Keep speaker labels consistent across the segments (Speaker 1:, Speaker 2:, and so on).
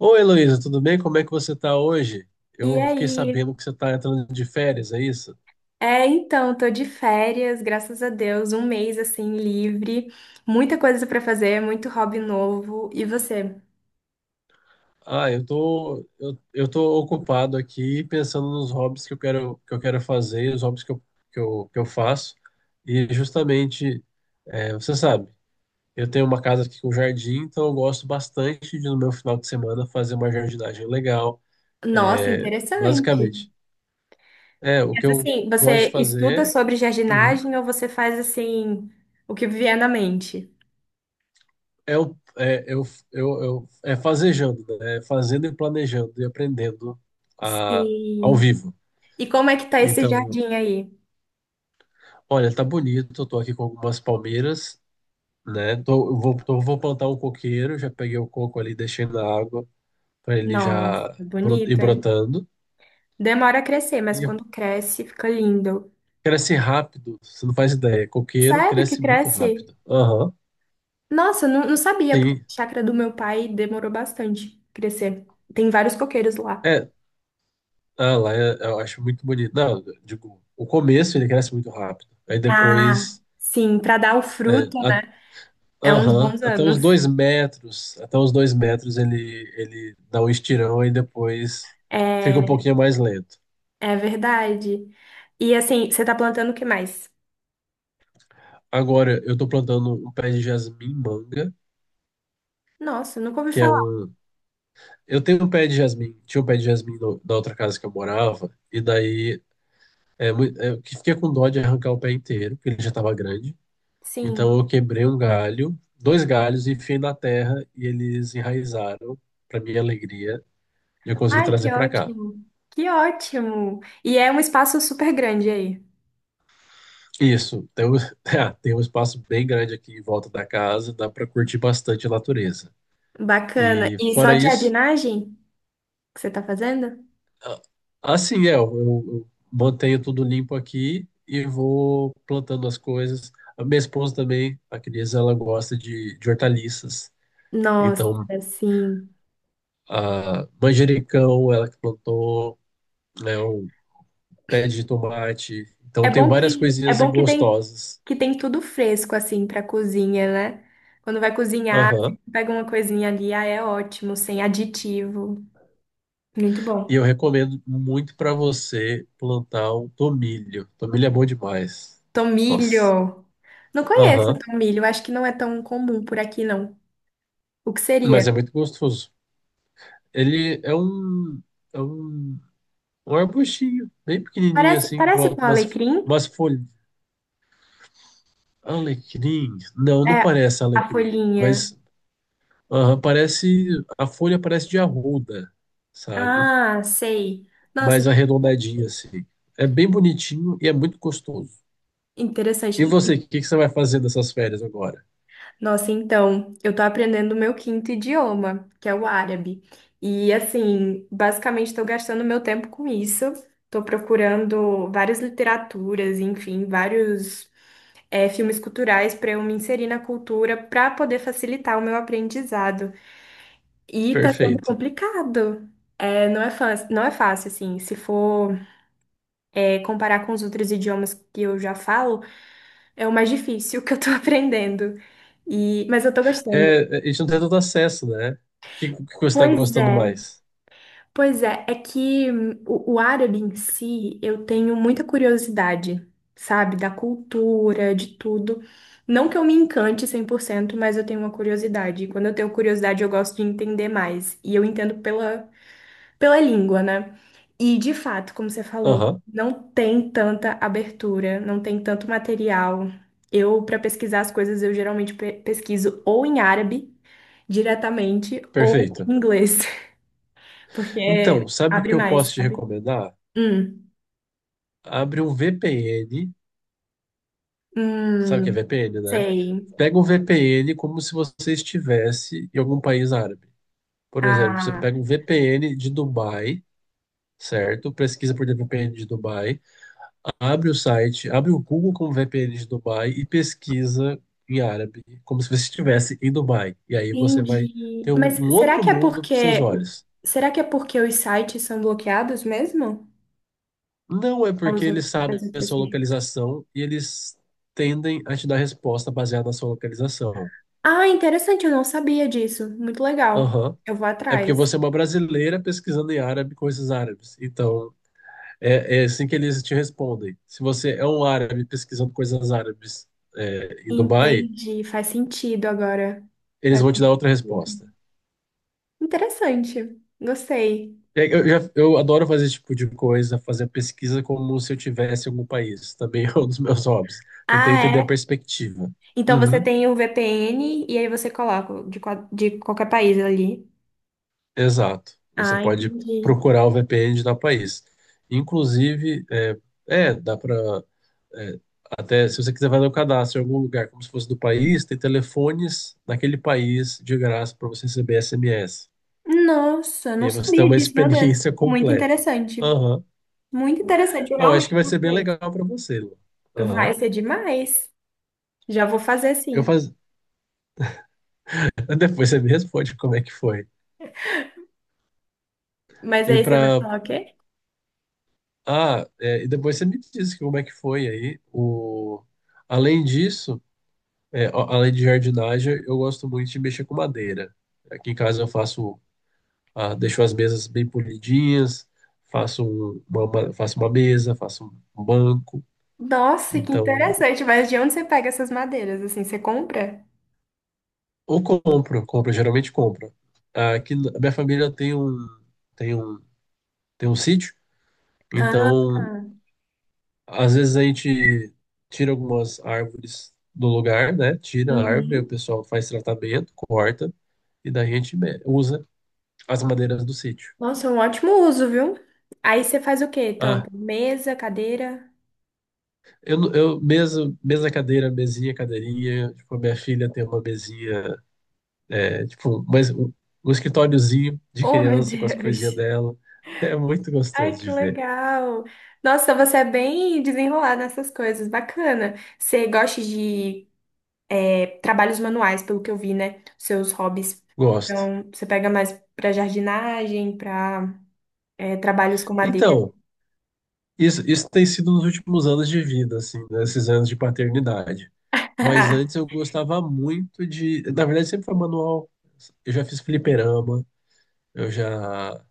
Speaker 1: Oi, Heloísa, tudo bem? Como é que você tá hoje?
Speaker 2: E
Speaker 1: Eu fiquei
Speaker 2: aí?
Speaker 1: sabendo que você tá entrando de férias, é isso?
Speaker 2: Então, tô de férias, graças a Deus, um mês assim livre, muita coisa pra fazer, muito hobby novo. E você?
Speaker 1: Ah, eu tô, eu tô ocupado aqui pensando nos hobbies que eu quero fazer, os hobbies que eu faço. E justamente, você sabe, eu tenho uma casa aqui com jardim, então eu gosto bastante de, no meu final de semana, fazer uma jardinagem legal.
Speaker 2: Nossa,
Speaker 1: É,
Speaker 2: interessante.
Speaker 1: basicamente, o que
Speaker 2: Mas
Speaker 1: eu
Speaker 2: assim,
Speaker 1: gosto de
Speaker 2: você estuda
Speaker 1: fazer.
Speaker 2: sobre
Speaker 1: Uhum.
Speaker 2: jardinagem ou você faz assim o que vier na mente?
Speaker 1: É, o, é, eu, é fazejando, né? É fazendo e planejando e aprendendo a, ao
Speaker 2: Sim.
Speaker 1: vivo.
Speaker 2: E como é que tá esse
Speaker 1: Então,
Speaker 2: jardim aí?
Speaker 1: olha, tá bonito, eu tô aqui com algumas palmeiras, né? Tô, eu vou, tô- vou plantar um coqueiro, já peguei o coco ali, deixei na água para ele
Speaker 2: Nossa,
Speaker 1: já ir
Speaker 2: bonito, hein?
Speaker 1: brotando.
Speaker 2: Demora a crescer, mas
Speaker 1: E
Speaker 2: quando cresce, fica lindo.
Speaker 1: cresce rápido, você não faz ideia. Coqueiro
Speaker 2: Sério que
Speaker 1: cresce muito
Speaker 2: cresce?
Speaker 1: rápido. Aham,
Speaker 2: Nossa, não sabia, porque
Speaker 1: sim.
Speaker 2: a chácara do meu pai demorou bastante crescer. Tem vários coqueiros lá.
Speaker 1: É, ah, lá eu, acho muito bonito. Não, eu digo, o começo ele cresce muito rápido. Aí
Speaker 2: Ah,
Speaker 1: depois.
Speaker 2: sim, para dar o
Speaker 1: É,
Speaker 2: fruto é uns
Speaker 1: aham,
Speaker 2: bons
Speaker 1: até os
Speaker 2: anos.
Speaker 1: 2 metros, até os dois metros ele, ele dá um estirão e depois fica um
Speaker 2: É,
Speaker 1: pouquinho mais lento.
Speaker 2: é verdade. E assim, você tá plantando o que mais?
Speaker 1: Agora eu tô plantando um pé de jasmim manga,
Speaker 2: Nossa, nunca ouvi
Speaker 1: que é
Speaker 2: falar.
Speaker 1: um. Eu tenho um pé de jasmim, tinha um pé de jasmim no, na outra casa que eu morava, e daí é, eu que fiquei com dó de arrancar o pé inteiro, porque ele já tava grande. Então
Speaker 2: Sim.
Speaker 1: eu quebrei um galho, dois galhos, e enfiei na terra e eles enraizaram, pra minha alegria, e eu consegui
Speaker 2: Ai, que
Speaker 1: trazer pra cá.
Speaker 2: ótimo. Que ótimo. E é um espaço super grande aí.
Speaker 1: Isso, é, tem um espaço bem grande aqui em volta da casa, dá para curtir bastante a natureza.
Speaker 2: Bacana.
Speaker 1: E
Speaker 2: E só
Speaker 1: fora
Speaker 2: de
Speaker 1: isso,
Speaker 2: jardinagem que você tá fazendo?
Speaker 1: a- assim é, eu mantenho tudo limpo aqui e vou plantando as coisas. A minha esposa também, a Cris, ela gosta de hortaliças.
Speaker 2: Nossa,
Speaker 1: Então,
Speaker 2: sim.
Speaker 1: a manjericão, ela que plantou, né, o pé de tomate. Então, tem várias
Speaker 2: É
Speaker 1: coisinhas
Speaker 2: bom
Speaker 1: assim, gostosas.
Speaker 2: que tem tudo fresco assim para cozinha, né? Quando vai cozinhar, assim,
Speaker 1: Aham.
Speaker 2: você pega uma coisinha ali, ah, é ótimo, sem aditivo. Muito
Speaker 1: E
Speaker 2: bom.
Speaker 1: eu recomendo muito para você plantar um tomilho. Tomilho é bom demais. Nossa.
Speaker 2: Tomilho. Não conheço o
Speaker 1: Aham.
Speaker 2: tomilho, acho que não é tão comum por aqui não. O que seria?
Speaker 1: Mas é muito gostoso. Ele é um, um arbustinho, bem pequenininho
Speaker 2: Parece
Speaker 1: assim, que
Speaker 2: parece
Speaker 1: volta
Speaker 2: com
Speaker 1: umas,
Speaker 2: alecrim?
Speaker 1: umas folhas. Alecrim? Não, não
Speaker 2: É
Speaker 1: parece
Speaker 2: a
Speaker 1: alecrim.
Speaker 2: folhinha.
Speaker 1: Mas aham, parece. A folha parece de arruda, sabe?
Speaker 2: Ah, sei. Nossa,
Speaker 1: Mais arredondadinha assim. É bem bonitinho e é muito gostoso. E
Speaker 2: interessante.
Speaker 1: você, o que que você vai fazer nessas férias agora?
Speaker 2: Nossa, então, eu tô aprendendo o meu quinto idioma, que é o árabe. E assim, basicamente tô gastando meu tempo com isso. Tô procurando várias literaturas, enfim, vários filmes culturais para eu me inserir na cultura para poder facilitar o meu aprendizado. E tá sendo
Speaker 1: Perfeito.
Speaker 2: complicado. É, não é fácil, assim. Se for, comparar com os outros idiomas que eu já falo, é o mais difícil que eu tô aprendendo. E, mas eu tô gostando.
Speaker 1: É, a gente não tem tanto acesso, né? O que, que você está
Speaker 2: Pois
Speaker 1: gostando
Speaker 2: é.
Speaker 1: mais?
Speaker 2: Pois é, é que o árabe em si, eu tenho muita curiosidade, sabe, da cultura, de tudo. Não que eu me encante 100% mas eu tenho uma curiosidade. E quando eu tenho curiosidade, eu gosto de entender mais. E eu entendo pela língua, né? E de fato, como você falou,
Speaker 1: Aham,
Speaker 2: não tem tanta abertura, não tem tanto material. Eu, para pesquisar as coisas, eu geralmente pesquiso ou em árabe diretamente ou
Speaker 1: perfeito.
Speaker 2: em inglês. Porque
Speaker 1: Então, sabe o
Speaker 2: abre
Speaker 1: que eu
Speaker 2: mais,
Speaker 1: posso te
Speaker 2: sabe?
Speaker 1: recomendar?
Speaker 2: Hum,
Speaker 1: Abre um VPN, sabe o que é
Speaker 2: hum,
Speaker 1: VPN, né?
Speaker 2: sei.
Speaker 1: Pega um VPN como se você estivesse em algum país árabe. Por exemplo, você
Speaker 2: Ah,
Speaker 1: pega um VPN de Dubai, certo? Pesquisa por VPN de Dubai. Abre o site, abre o Google com VPN de Dubai e pesquisa em árabe, como se você estivesse em Dubai. E aí você vai
Speaker 2: entendi.
Speaker 1: um outro mundo para seus olhos.
Speaker 2: Será que é porque os sites são bloqueados mesmo?
Speaker 1: Não é porque
Speaker 2: As outras,
Speaker 1: eles
Speaker 2: as
Speaker 1: sabem a
Speaker 2: outras...
Speaker 1: sua
Speaker 2: regiões?
Speaker 1: localização e eles tendem a te dar resposta baseada na sua localização.
Speaker 2: Ah, interessante, eu não sabia disso. Muito legal.
Speaker 1: Aham.
Speaker 2: Eu vou
Speaker 1: É porque
Speaker 2: atrás.
Speaker 1: você é uma brasileira pesquisando em árabe coisas árabes. Então, é assim que eles te respondem. Se você é um árabe pesquisando coisas árabes, é, em Dubai,
Speaker 2: Entendi, faz sentido agora.
Speaker 1: eles
Speaker 2: Faz
Speaker 1: vão te dar outra
Speaker 2: sentido.
Speaker 1: resposta.
Speaker 2: Interessante, gostei.
Speaker 1: É, eu adoro fazer esse tipo de coisa, fazer pesquisa como se eu tivesse em algum país. Também é um dos meus hobbies. Tentei
Speaker 2: Ah,
Speaker 1: entender a
Speaker 2: é?
Speaker 1: perspectiva.
Speaker 2: Então você
Speaker 1: Uhum.
Speaker 2: tem o VPN e aí você coloca de, de qualquer país ali.
Speaker 1: Exato. Você
Speaker 2: Ah,
Speaker 1: pode
Speaker 2: entendi.
Speaker 1: procurar o VPN de tal país. Inclusive, dá para até se você quiser fazer o cadastro em algum lugar, como se fosse do país, tem telefones naquele país de graça para você receber SMS.
Speaker 2: Nossa,
Speaker 1: E
Speaker 2: não
Speaker 1: aí você tem
Speaker 2: sabia
Speaker 1: uma
Speaker 2: disso, meu Deus.
Speaker 1: experiência
Speaker 2: Muito
Speaker 1: completa.
Speaker 2: interessante.
Speaker 1: Aham.
Speaker 2: Muito interessante, eu
Speaker 1: Não, acho
Speaker 2: realmente
Speaker 1: que vai
Speaker 2: vou
Speaker 1: ser bem
Speaker 2: fazer isso.
Speaker 1: legal para você, Lu.
Speaker 2: Vai
Speaker 1: Aham.
Speaker 2: ser demais. Já vou fazer
Speaker 1: Eu
Speaker 2: sim.
Speaker 1: faz... Depois você me responde como é que foi.
Speaker 2: Mas
Speaker 1: E
Speaker 2: aí você vai
Speaker 1: para
Speaker 2: falar o quê?
Speaker 1: e depois você me diz como é que foi aí. O... Além disso, é, além de jardinagem, eu gosto muito de mexer com madeira. Aqui em casa eu faço, ah, deixo as mesas bem polidinhas, faço uma mesa, faço um banco.
Speaker 2: Nossa, que
Speaker 1: Então,
Speaker 2: interessante. Mas de onde você pega essas madeiras? Assim, você compra?
Speaker 1: ou compro, geralmente compro. A minha família tem um, tem um sítio,
Speaker 2: Ah,
Speaker 1: então às vezes a gente tira algumas árvores do lugar, né? Tira a árvore, o
Speaker 2: uhum.
Speaker 1: pessoal faz tratamento, corta, e daí a gente usa as madeiras do sítio.
Speaker 2: Nossa, é um ótimo uso, viu? Aí você faz o quê, tanto?
Speaker 1: Ah,
Speaker 2: Mesa, cadeira?
Speaker 1: eu, não- eu mesa, mesa, cadeira, mesinha, cadeirinha. Tipo, a minha filha tem uma mesinha, é, tipo, um escritóriozinho de
Speaker 2: Oh, meu
Speaker 1: criança com as coisinhas
Speaker 2: Deus.
Speaker 1: dela. É muito
Speaker 2: Ai,
Speaker 1: gostoso de
Speaker 2: que
Speaker 1: ver.
Speaker 2: legal! Nossa, você é bem desenrolada nessas coisas, bacana. Você gosta de trabalhos manuais, pelo que eu vi, né? Seus hobbies.
Speaker 1: Gosto.
Speaker 2: Então, você pega mais pra jardinagem, pra trabalhos com madeira.
Speaker 1: Então. Isso tem sido nos últimos anos de vida, assim, nesses anos de paternidade. Mas antes eu gostava muito de. Na verdade, sempre foi manual. Eu já fiz fliperama, eu já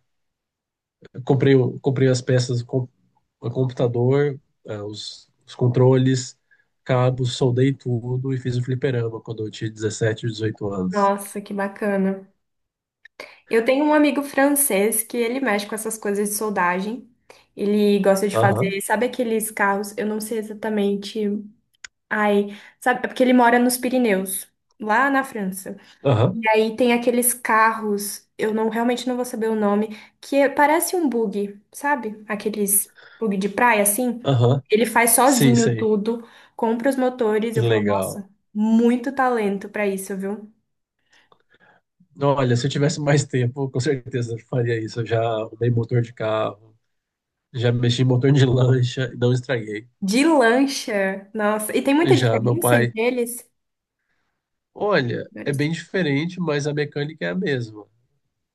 Speaker 1: comprei as peças com o computador, os controles, cabos, soldei tudo e fiz o fliperama quando eu tinha 17 ou 18 anos.
Speaker 2: Nossa, que bacana. Eu tenho um amigo francês que ele mexe com essas coisas de soldagem. Ele gosta de
Speaker 1: Aham,
Speaker 2: fazer, sabe aqueles carros? Eu não sei exatamente. Ai, sabe? É porque ele mora nos Pirineus, lá na França.
Speaker 1: aham,
Speaker 2: E aí tem aqueles carros, eu não realmente não vou saber o nome, parece um bug, sabe? Aqueles bug de praia assim.
Speaker 1: aham.
Speaker 2: Ele faz
Speaker 1: Sim,
Speaker 2: sozinho
Speaker 1: sei.
Speaker 2: tudo, compra os motores.
Speaker 1: Que
Speaker 2: Eu falo,
Speaker 1: legal.
Speaker 2: nossa, muito talento pra isso, viu?
Speaker 1: Olha, se eu tivesse mais tempo, com certeza eu faria isso. Eu já arrumei motor de carro, já mexi em motor de lancha e não estraguei.
Speaker 2: De lancha, nossa. E tem muita
Speaker 1: Já meu
Speaker 2: diferença
Speaker 1: pai,
Speaker 2: entre eles?
Speaker 1: olha, é
Speaker 2: Motores.
Speaker 1: bem diferente, mas a mecânica é a mesma.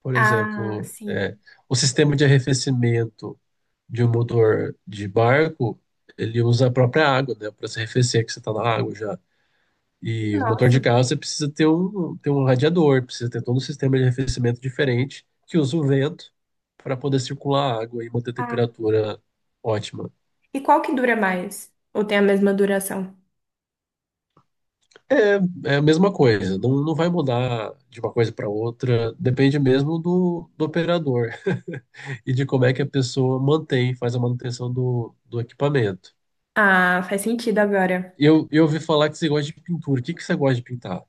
Speaker 1: Por
Speaker 2: Ah,
Speaker 1: exemplo, é,
Speaker 2: sim.
Speaker 1: o sistema de arrefecimento de um motor de barco, ele usa a própria água, né, para se arrefecer, que você está na água já. E o motor de
Speaker 2: Nossa.
Speaker 1: carro, você precisa ter um radiador, precisa ter todo um sistema de arrefecimento diferente, que usa o vento para poder circular a água e manter a
Speaker 2: Ah.
Speaker 1: temperatura ótima.
Speaker 2: E qual que dura mais? Ou tem a mesma duração?
Speaker 1: É, é a mesma coisa, não, não vai mudar de uma coisa para outra, depende mesmo do operador e de como é que a pessoa mantém, faz a manutenção do equipamento.
Speaker 2: Ah, faz sentido agora.
Speaker 1: Eu ouvi falar que você gosta de pintura. O que que você gosta de pintar?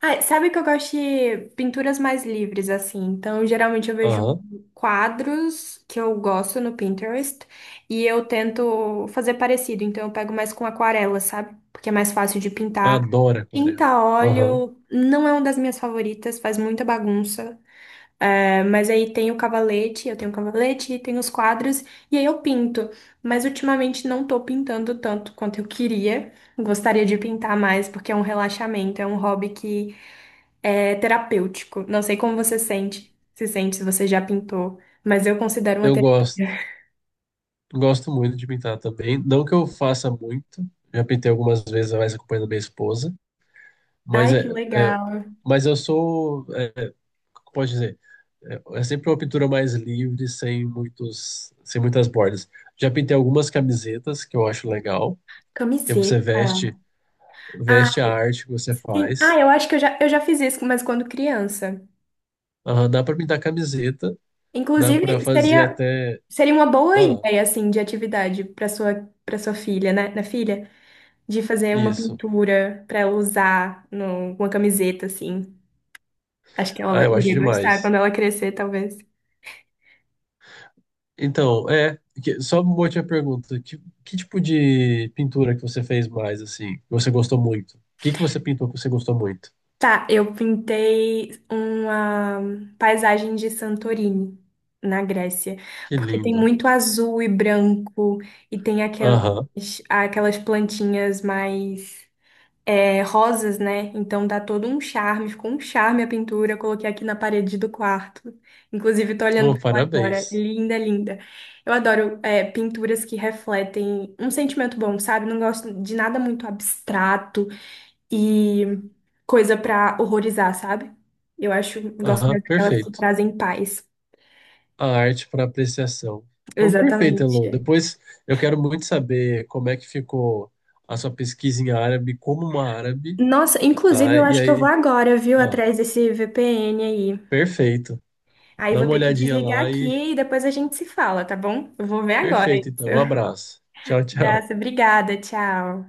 Speaker 2: Ah, sabe que eu gosto de pinturas mais livres, assim. Então, geralmente eu vejo
Speaker 1: Aham,
Speaker 2: quadros que eu gosto no Pinterest e eu tento fazer parecido. Então, eu pego mais com aquarela, sabe? Porque é mais fácil de pintar.
Speaker 1: adoro
Speaker 2: Tinta
Speaker 1: aquarela.
Speaker 2: a
Speaker 1: Aham,
Speaker 2: óleo não é uma das minhas favoritas, faz muita bagunça. É, mas aí tem o cavalete, eu tenho o cavalete, tem os quadros e aí eu pinto. Mas ultimamente não tô pintando tanto quanto eu queria. Gostaria de pintar mais porque é um relaxamento, é um hobby que é terapêutico. Não sei como você sente, se você já pintou, mas eu considero uma
Speaker 1: eu
Speaker 2: terapia.
Speaker 1: gosto, gosto muito de pintar também. Não que eu faça muito, já pintei algumas vezes, mais acompanhando minha esposa, mas,
Speaker 2: Ai, que
Speaker 1: é,
Speaker 2: legal.
Speaker 1: mas eu sou, é, como pode dizer? É sempre uma pintura mais livre, sem muitas bordas. Já pintei algumas camisetas que eu acho legal, que você
Speaker 2: Camiseta.
Speaker 1: veste,
Speaker 2: Ah,
Speaker 1: veste a arte que você
Speaker 2: sim. Ah,
Speaker 1: faz.
Speaker 2: eu acho que eu já fiz isso, mas quando criança.
Speaker 1: Ah, dá para pintar camiseta, dá para
Speaker 2: Inclusive,
Speaker 1: fazer
Speaker 2: seria,
Speaker 1: até,
Speaker 2: seria uma boa
Speaker 1: ah,
Speaker 2: ideia, assim, de atividade para sua filha, né? Na filha, de fazer uma
Speaker 1: isso.
Speaker 2: pintura para ela usar no, uma camiseta, assim. Acho que ela
Speaker 1: Ah,
Speaker 2: vai
Speaker 1: eu acho
Speaker 2: iria gostar
Speaker 1: demais.
Speaker 2: quando ela crescer, talvez.
Speaker 1: Então, só uma última pergunta, que tipo de pintura que você fez mais assim, que você gostou muito? O que que você pintou que você gostou muito?
Speaker 2: Tá, eu pintei uma paisagem de Santorini, na Grécia,
Speaker 1: Que
Speaker 2: porque tem
Speaker 1: lindo.
Speaker 2: muito azul e branco, e tem aquelas,
Speaker 1: Aham.
Speaker 2: aquelas plantinhas mais rosas, né? Então dá todo um charme, ficou um charme a pintura, eu coloquei aqui na parede do quarto. Inclusive, tô olhando
Speaker 1: Oh,
Speaker 2: pra ela agora,
Speaker 1: parabéns.
Speaker 2: linda, linda. Eu adoro pinturas que refletem um sentimento bom, sabe? Não gosto de nada muito abstrato e coisa pra horrorizar, sabe? Eu acho, gosto
Speaker 1: Aham,
Speaker 2: mais daquelas que
Speaker 1: perfeito.
Speaker 2: trazem paz.
Speaker 1: A arte para apreciação. Então, perfeito, Elô.
Speaker 2: Exatamente.
Speaker 1: Depois eu quero muito saber como é que ficou a sua pesquisa em árabe, como uma árabe,
Speaker 2: Nossa, inclusive
Speaker 1: tá?
Speaker 2: eu
Speaker 1: E
Speaker 2: acho que eu vou
Speaker 1: aí,
Speaker 2: agora, viu,
Speaker 1: ó,
Speaker 2: atrás desse VPN aí.
Speaker 1: perfeito.
Speaker 2: Aí
Speaker 1: Dá
Speaker 2: vou
Speaker 1: uma
Speaker 2: ter que
Speaker 1: olhadinha
Speaker 2: desligar
Speaker 1: lá e
Speaker 2: aqui e depois a gente se fala, tá bom? Eu vou ver agora isso.
Speaker 1: perfeito, então. Um abraço. Tchau, tchau.
Speaker 2: Abraço, obrigada, tchau.